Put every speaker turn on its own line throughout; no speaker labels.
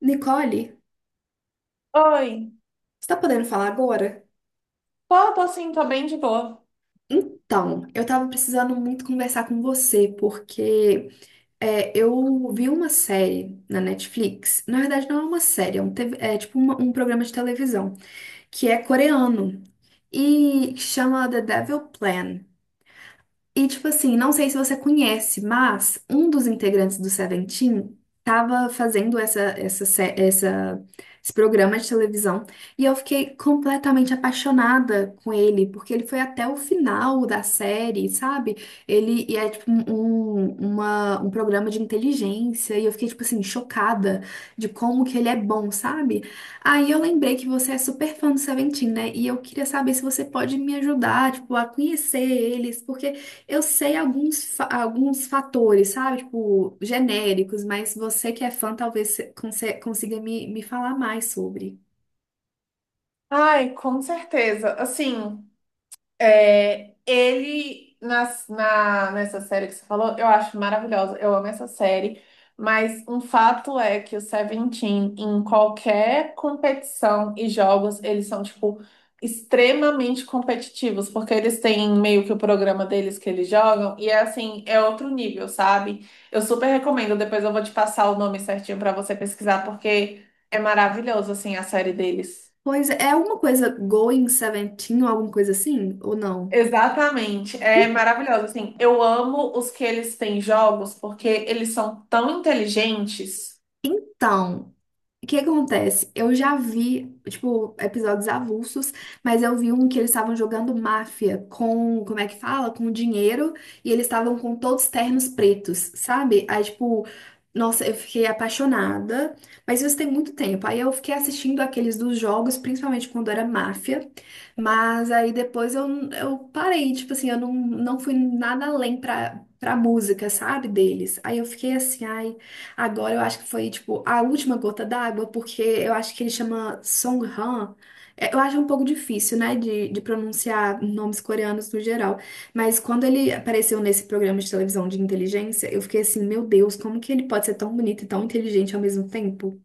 Nicole,
Oi,
você tá podendo falar agora?
tô sim, tô bem de boa.
Então, eu tava precisando muito conversar com você, porque eu vi uma série na Netflix. Na verdade, não é uma série, um TV é tipo um programa de televisão, que é coreano e chama The Devil Plan. E, tipo assim, não sei se você conhece, mas um dos integrantes do Seventeen tava fazendo esse programa de televisão e eu fiquei completamente apaixonada com ele, porque ele foi até o final da série, sabe? Ele é tipo um programa de inteligência e eu fiquei, tipo assim, chocada de como que ele é bom, sabe? Aí eu lembrei que você é super fã do Seventeen, né? E eu queria saber se você pode me ajudar, tipo, a conhecer eles, porque eu sei alguns, alguns fatores, sabe? Tipo, genéricos, mas você que é fã talvez consiga me falar mais sobre.
Ai, com certeza. Assim, é, ele, nessa série que você falou, eu acho maravilhosa, eu amo essa série, mas um fato é que o Seventeen, em qualquer competição e jogos, eles são, tipo, extremamente competitivos, porque eles têm meio que o programa deles que eles jogam, e é assim, é outro nível, sabe? Eu super recomendo, depois eu vou te passar o nome certinho pra você pesquisar, porque é maravilhoso, assim, a série deles.
Pois é, é alguma coisa Going Seventeen ou alguma coisa assim? Ou não?
Exatamente, é maravilhoso. Assim, eu amo os que eles têm jogos porque eles são tão inteligentes.
Então. O que acontece? Eu já vi, tipo, episódios avulsos, mas eu vi um que eles estavam jogando máfia com, como é que fala? Com dinheiro, e eles estavam com todos ternos pretos, sabe? Aí, tipo, nossa, eu fiquei apaixonada, mas isso tem muito tempo. Aí eu fiquei assistindo aqueles dos jogos, principalmente quando era máfia, mas aí eu parei, tipo assim, eu não, não fui nada além pra música, sabe? Deles. Aí eu fiquei assim, ai. Agora eu acho que foi, tipo, a última gota d'água, porque eu acho que ele chama Songhan. É, eu acho um pouco difícil, né, de pronunciar nomes coreanos no geral. Mas quando ele apareceu nesse programa de televisão de inteligência, eu fiquei assim, meu Deus, como que ele pode ser tão bonito e tão inteligente ao mesmo tempo?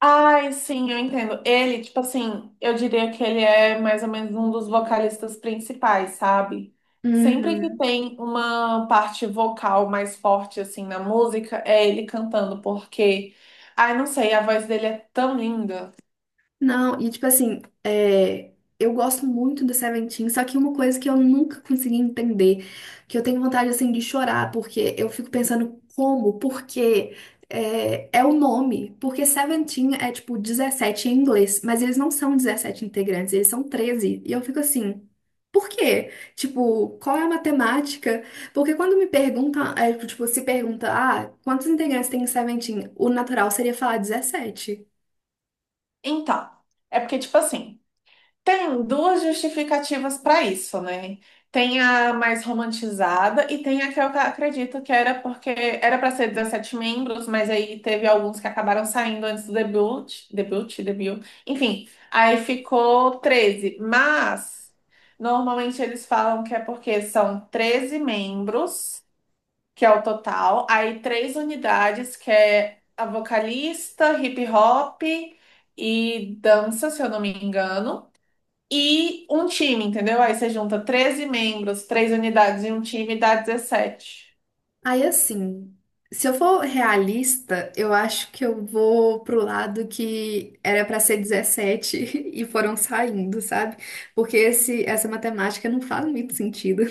Ai, sim, eu entendo. Ele, tipo assim, eu diria que ele é mais ou menos um dos vocalistas principais, sabe? Sempre
Uhum.
que tem uma parte vocal mais forte, assim, na música, é ele cantando, porque, ai, não sei, a voz dele é tão linda.
Não, e tipo assim, eu gosto muito do Seventeen, só que uma coisa que eu nunca consegui entender, que eu tenho vontade assim de chorar, porque eu fico pensando como, porque é o nome, porque Seventeen é tipo 17 em inglês, mas eles não são 17 integrantes, eles são 13. E eu fico assim. Por quê? Tipo, qual é a matemática? Porque quando me perguntam, tipo, se pergunta, ah, quantos integrantes tem em Seventeen? O natural seria falar 17.
Então, é porque, tipo assim, tem duas justificativas para isso, né? Tem a mais romantizada e tem a que eu acredito que era porque era para ser 17 membros, mas aí teve alguns que acabaram saindo antes do debut. Enfim, aí ficou 13. Mas normalmente eles falam que é porque são 13 membros, que é o total, aí três unidades, que é a vocalista, hip hop e dança, se eu não me engano, e um time, entendeu? Aí você junta 13 membros, três unidades e um time e dá 17.
Aí assim, se eu for realista, eu acho que eu vou pro lado que era pra ser 17 e foram saindo, sabe? Porque essa matemática não faz muito sentido.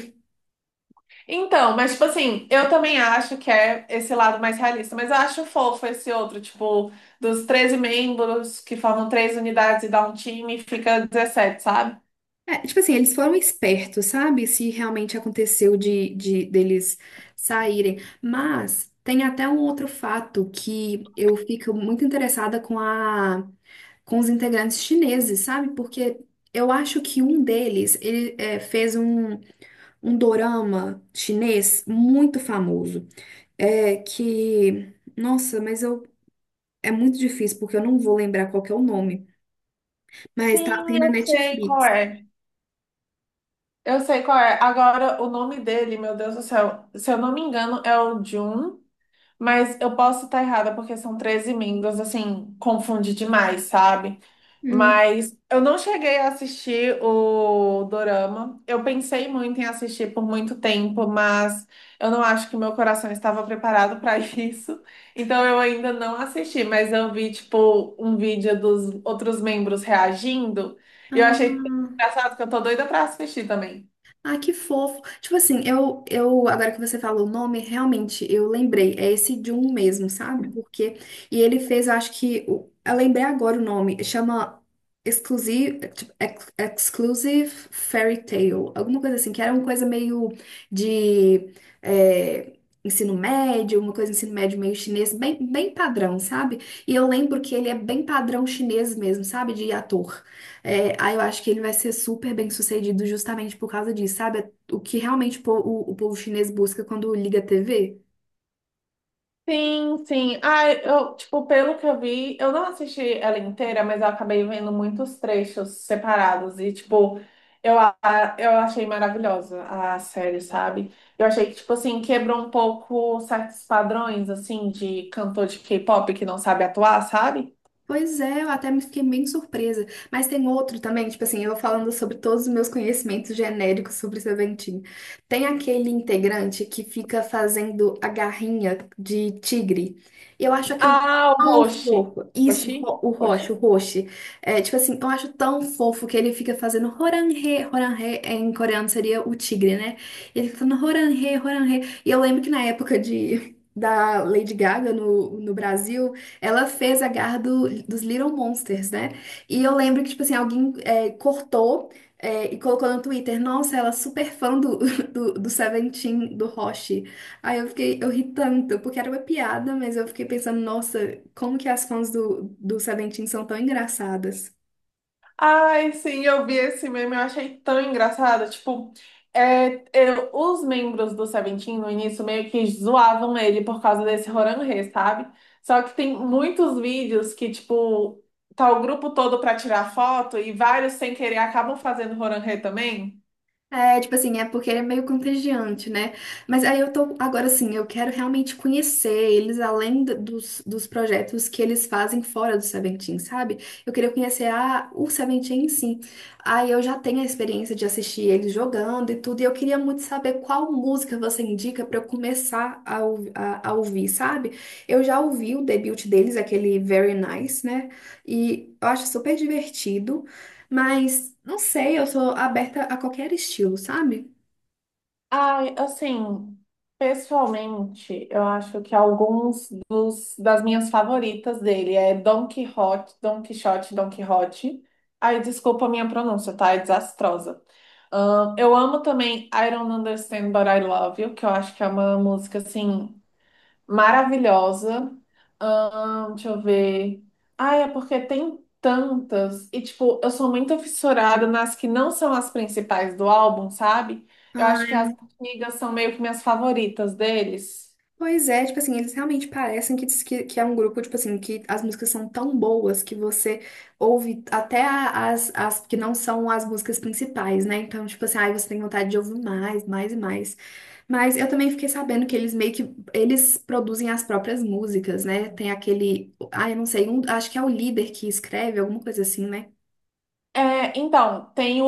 Então, mas tipo assim, eu também acho que é esse lado mais realista, mas eu acho fofo esse outro, tipo, dos 13 membros que formam três unidades e dá um time, fica 17, sabe?
É, tipo assim, eles foram espertos, sabe? Se realmente aconteceu de deles saírem. Mas tem até um outro fato que eu fico muito interessada com com os integrantes chineses, sabe? Porque eu acho que um deles ele, é, fez um dorama chinês muito famoso. É que, nossa, mas eu é muito difícil porque eu não vou lembrar qual que é o nome, mas tá
Sim,
tem na
eu sei qual
Netflix.
é. Eu sei qual é. Agora, o nome dele, meu Deus do céu, se eu não me engano, é o Jun, mas eu posso estar errada porque são 13 membros, assim, confunde demais, sabe?
Hum.
Mas eu não cheguei a assistir o Dorama. Eu pensei muito em assistir por muito tempo, mas eu não acho que meu coração estava preparado para isso. Então eu ainda não assisti, mas eu vi, tipo, um vídeo dos outros membros reagindo. E eu achei
Ah,
engraçado que eu tô doida para assistir também.
ah, que fofo. Tipo assim, agora que você falou o nome, realmente eu lembrei. É esse Jun mesmo, sabe? Porque. E ele fez, eu acho que. Eu lembrei agora o nome. Chama Exclusive, tipo, Exclusive Fairy Tale. Alguma coisa assim, que era uma coisa meio de. É, ensino médio, uma coisa de ensino médio meio chinês, bem, bem padrão, sabe? E eu lembro que ele é bem padrão chinês mesmo, sabe? De ator. É, aí eu acho que ele vai ser super bem sucedido justamente por causa disso, sabe? O que realmente o povo chinês busca quando liga a TV.
Sim, sim. Ah, eu, tipo, pelo que eu vi, eu não assisti ela inteira, mas eu acabei vendo muitos trechos separados e, tipo, eu, a- eu achei maravilhosa a série, sabe? Eu achei que, tipo assim, quebrou um pouco certos padrões, assim, de cantor de K-pop que não sabe atuar, sabe?
Pois é, eu até me fiquei bem surpresa. Mas tem outro também, tipo assim, eu falando sobre todos os meus conhecimentos genéricos sobre Seventeen. Tem aquele integrante que fica fazendo a garrinha de tigre. E eu acho aquilo
Ah, o
tão
Roshi.
fofo. Isso,
Roshi?
o Roche, o
Roshi.
Roche. É, tipo assim, eu acho tão fofo que ele fica fazendo Horanhe, Horanhe, é, em coreano seria o tigre, né? Ele fica falando Horanhe, Horanhe. E eu lembro que na época de. Da Lady Gaga no Brasil, ela fez a garra dos Little Monsters, né? E eu lembro que, tipo assim, alguém, é, cortou, é, e colocou no Twitter, nossa, ela é super fã do Seventeen, do Hoshi. Aí eu fiquei, eu ri tanto, porque era uma piada, mas eu fiquei pensando, nossa, como que as fãs do Seventeen são tão engraçadas.
Ai, sim, eu vi esse meme, eu achei tão engraçado. Tipo, é, os membros do Seventeen no início meio que zoavam ele por causa desse Roranrê, sabe? Só que tem muitos vídeos que, tipo, tá o grupo todo pra tirar foto e vários sem querer acabam fazendo Roranrê também.
É, tipo assim, é porque ele é meio contagiante, né? Mas aí eu tô, agora assim, eu quero realmente conhecer eles além dos projetos que eles fazem fora do Seventeen, sabe? Eu queria conhecer o Seventeen em si. Aí eu já tenho a experiência de assistir eles jogando e tudo, e eu queria muito saber qual música você indica pra eu começar a ouvir, sabe? Eu já ouvi o debut deles, aquele Very Nice, né? E eu acho super divertido. Mas, não sei, eu sou aberta a qualquer estilo, sabe?
Ai, assim, pessoalmente, eu acho que alguns das minhas favoritas dele é Don Quixote, Don Quixote, Don Quixote. Ai, desculpa a minha pronúncia, tá? É desastrosa. Eu amo também I Don't Understand But I Love You, que eu acho que é uma música, assim, maravilhosa. Deixa eu ver. Ah, é porque tem tantas. E, tipo, eu sou muito fissurada nas que não são as principais do álbum, sabe? Eu acho que
Ah,
as antigas são meio que minhas favoritas deles.
pois é, tipo assim, eles realmente parecem que, diz que é um grupo, tipo assim, que as músicas são tão boas que você ouve até as que não são as músicas principais, né? Então, tipo assim, aí você tem vontade de ouvir mais, mais e mais. Mas eu também fiquei sabendo que eles meio que, eles produzem as próprias músicas, né? Tem aquele, ah, eu não sei, acho que é o líder que escreve, alguma coisa assim, né?
É, então, tem o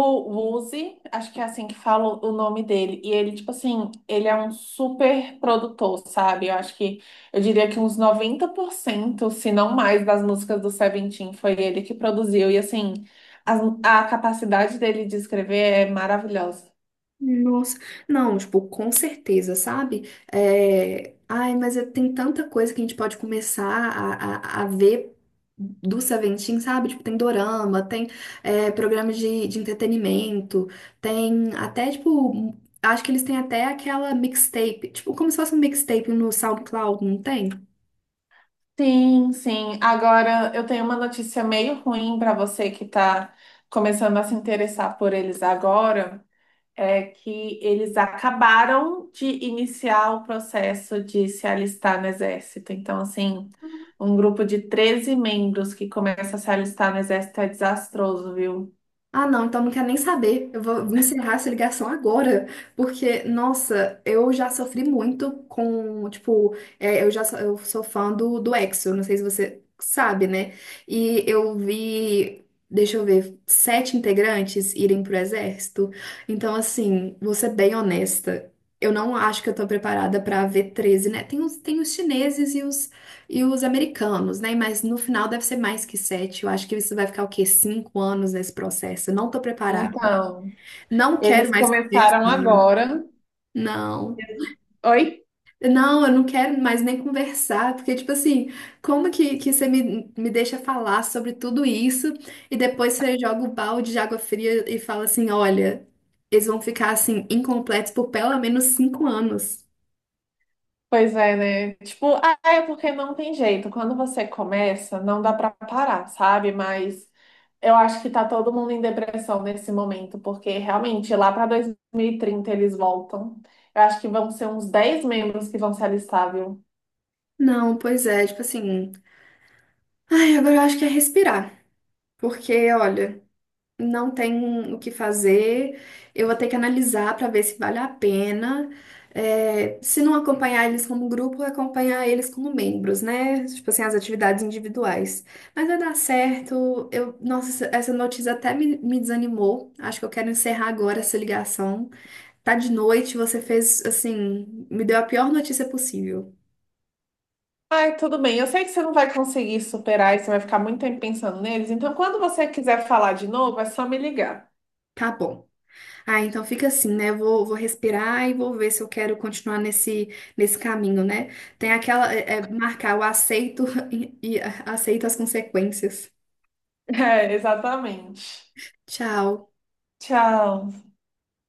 Uzi, acho que é assim que fala o nome dele. E ele, tipo assim, ele é um super produtor, sabe? Eu acho que, eu diria que uns 90%, se não mais, das músicas do Seventeen foi ele que produziu. E, assim, capacidade dele de escrever é maravilhosa.
Nossa, não, tipo, com certeza, sabe? É, ai, mas tem tanta coisa que a gente pode começar a ver do Seventeen, sabe? Tipo, tem dorama, tem, é, programas de entretenimento, tem até, tipo, acho que eles têm até aquela mixtape, tipo, como se fosse um mixtape no SoundCloud, não tem?
Sim, sim. Agora, eu tenho uma notícia meio ruim para você que está começando a se interessar por eles agora. É que eles acabaram de iniciar o processo de se alistar no exército. Então, assim, um grupo de 13 membros que começa a se alistar no exército é desastroso, viu?
Ah, não, então não quero nem saber. Eu vou encerrar essa ligação agora, porque, nossa, eu já sofri muito com, tipo, é, eu sou fã do EXO, não sei se você sabe, né? E eu vi, deixa eu ver, 7 integrantes irem pro exército. Então, assim, vou ser bem honesta. Eu não acho que eu tô preparada pra ver 13, né? Tem os chineses e os americanos, né? Mas no final deve ser mais que 7. Eu acho que isso vai ficar o quê? 5 anos nesse processo. Eu não tô preparada.
Então,
Não quero
eles
mais.
começaram agora.
Não.
Oi?
Não, eu não quero mais nem conversar, porque, tipo assim, como que você me deixa falar sobre tudo isso e depois você joga o balde de água fria e fala assim: olha, eles vão ficar assim, incompletos por pelo menos 5 anos.
Pois é, né? Tipo, ah, é porque não tem jeito. Quando você começa, não dá pra parar, sabe? Mas eu acho que tá todo mundo em depressão nesse momento, porque realmente lá pra 2030 eles voltam. Eu acho que vão ser uns 10 membros que vão se alistar, viu?
Não, pois é, tipo assim. Ai, agora eu acho que é respirar, porque, olha. Não tem o que fazer, eu vou ter que analisar para ver se vale a pena. É, se não acompanhar eles como grupo, acompanhar eles como membros, né? Tipo assim, as atividades individuais. Mas vai dar certo. Eu, nossa, essa notícia até me desanimou. Acho que eu quero encerrar agora essa ligação. Tá de noite, você fez assim, me deu a pior notícia possível.
Ai, tudo bem. Eu sei que você não vai conseguir superar e você vai ficar muito tempo pensando neles. Então, quando você quiser falar de novo, é só me ligar.
Tá bom. Ah, então fica assim, né? Eu vou, vou respirar e vou ver se eu quero continuar nesse, nesse caminho, né? Tem aquela, marcar o aceito aceito as consequências.
É, exatamente.
Tchau.
Tchau.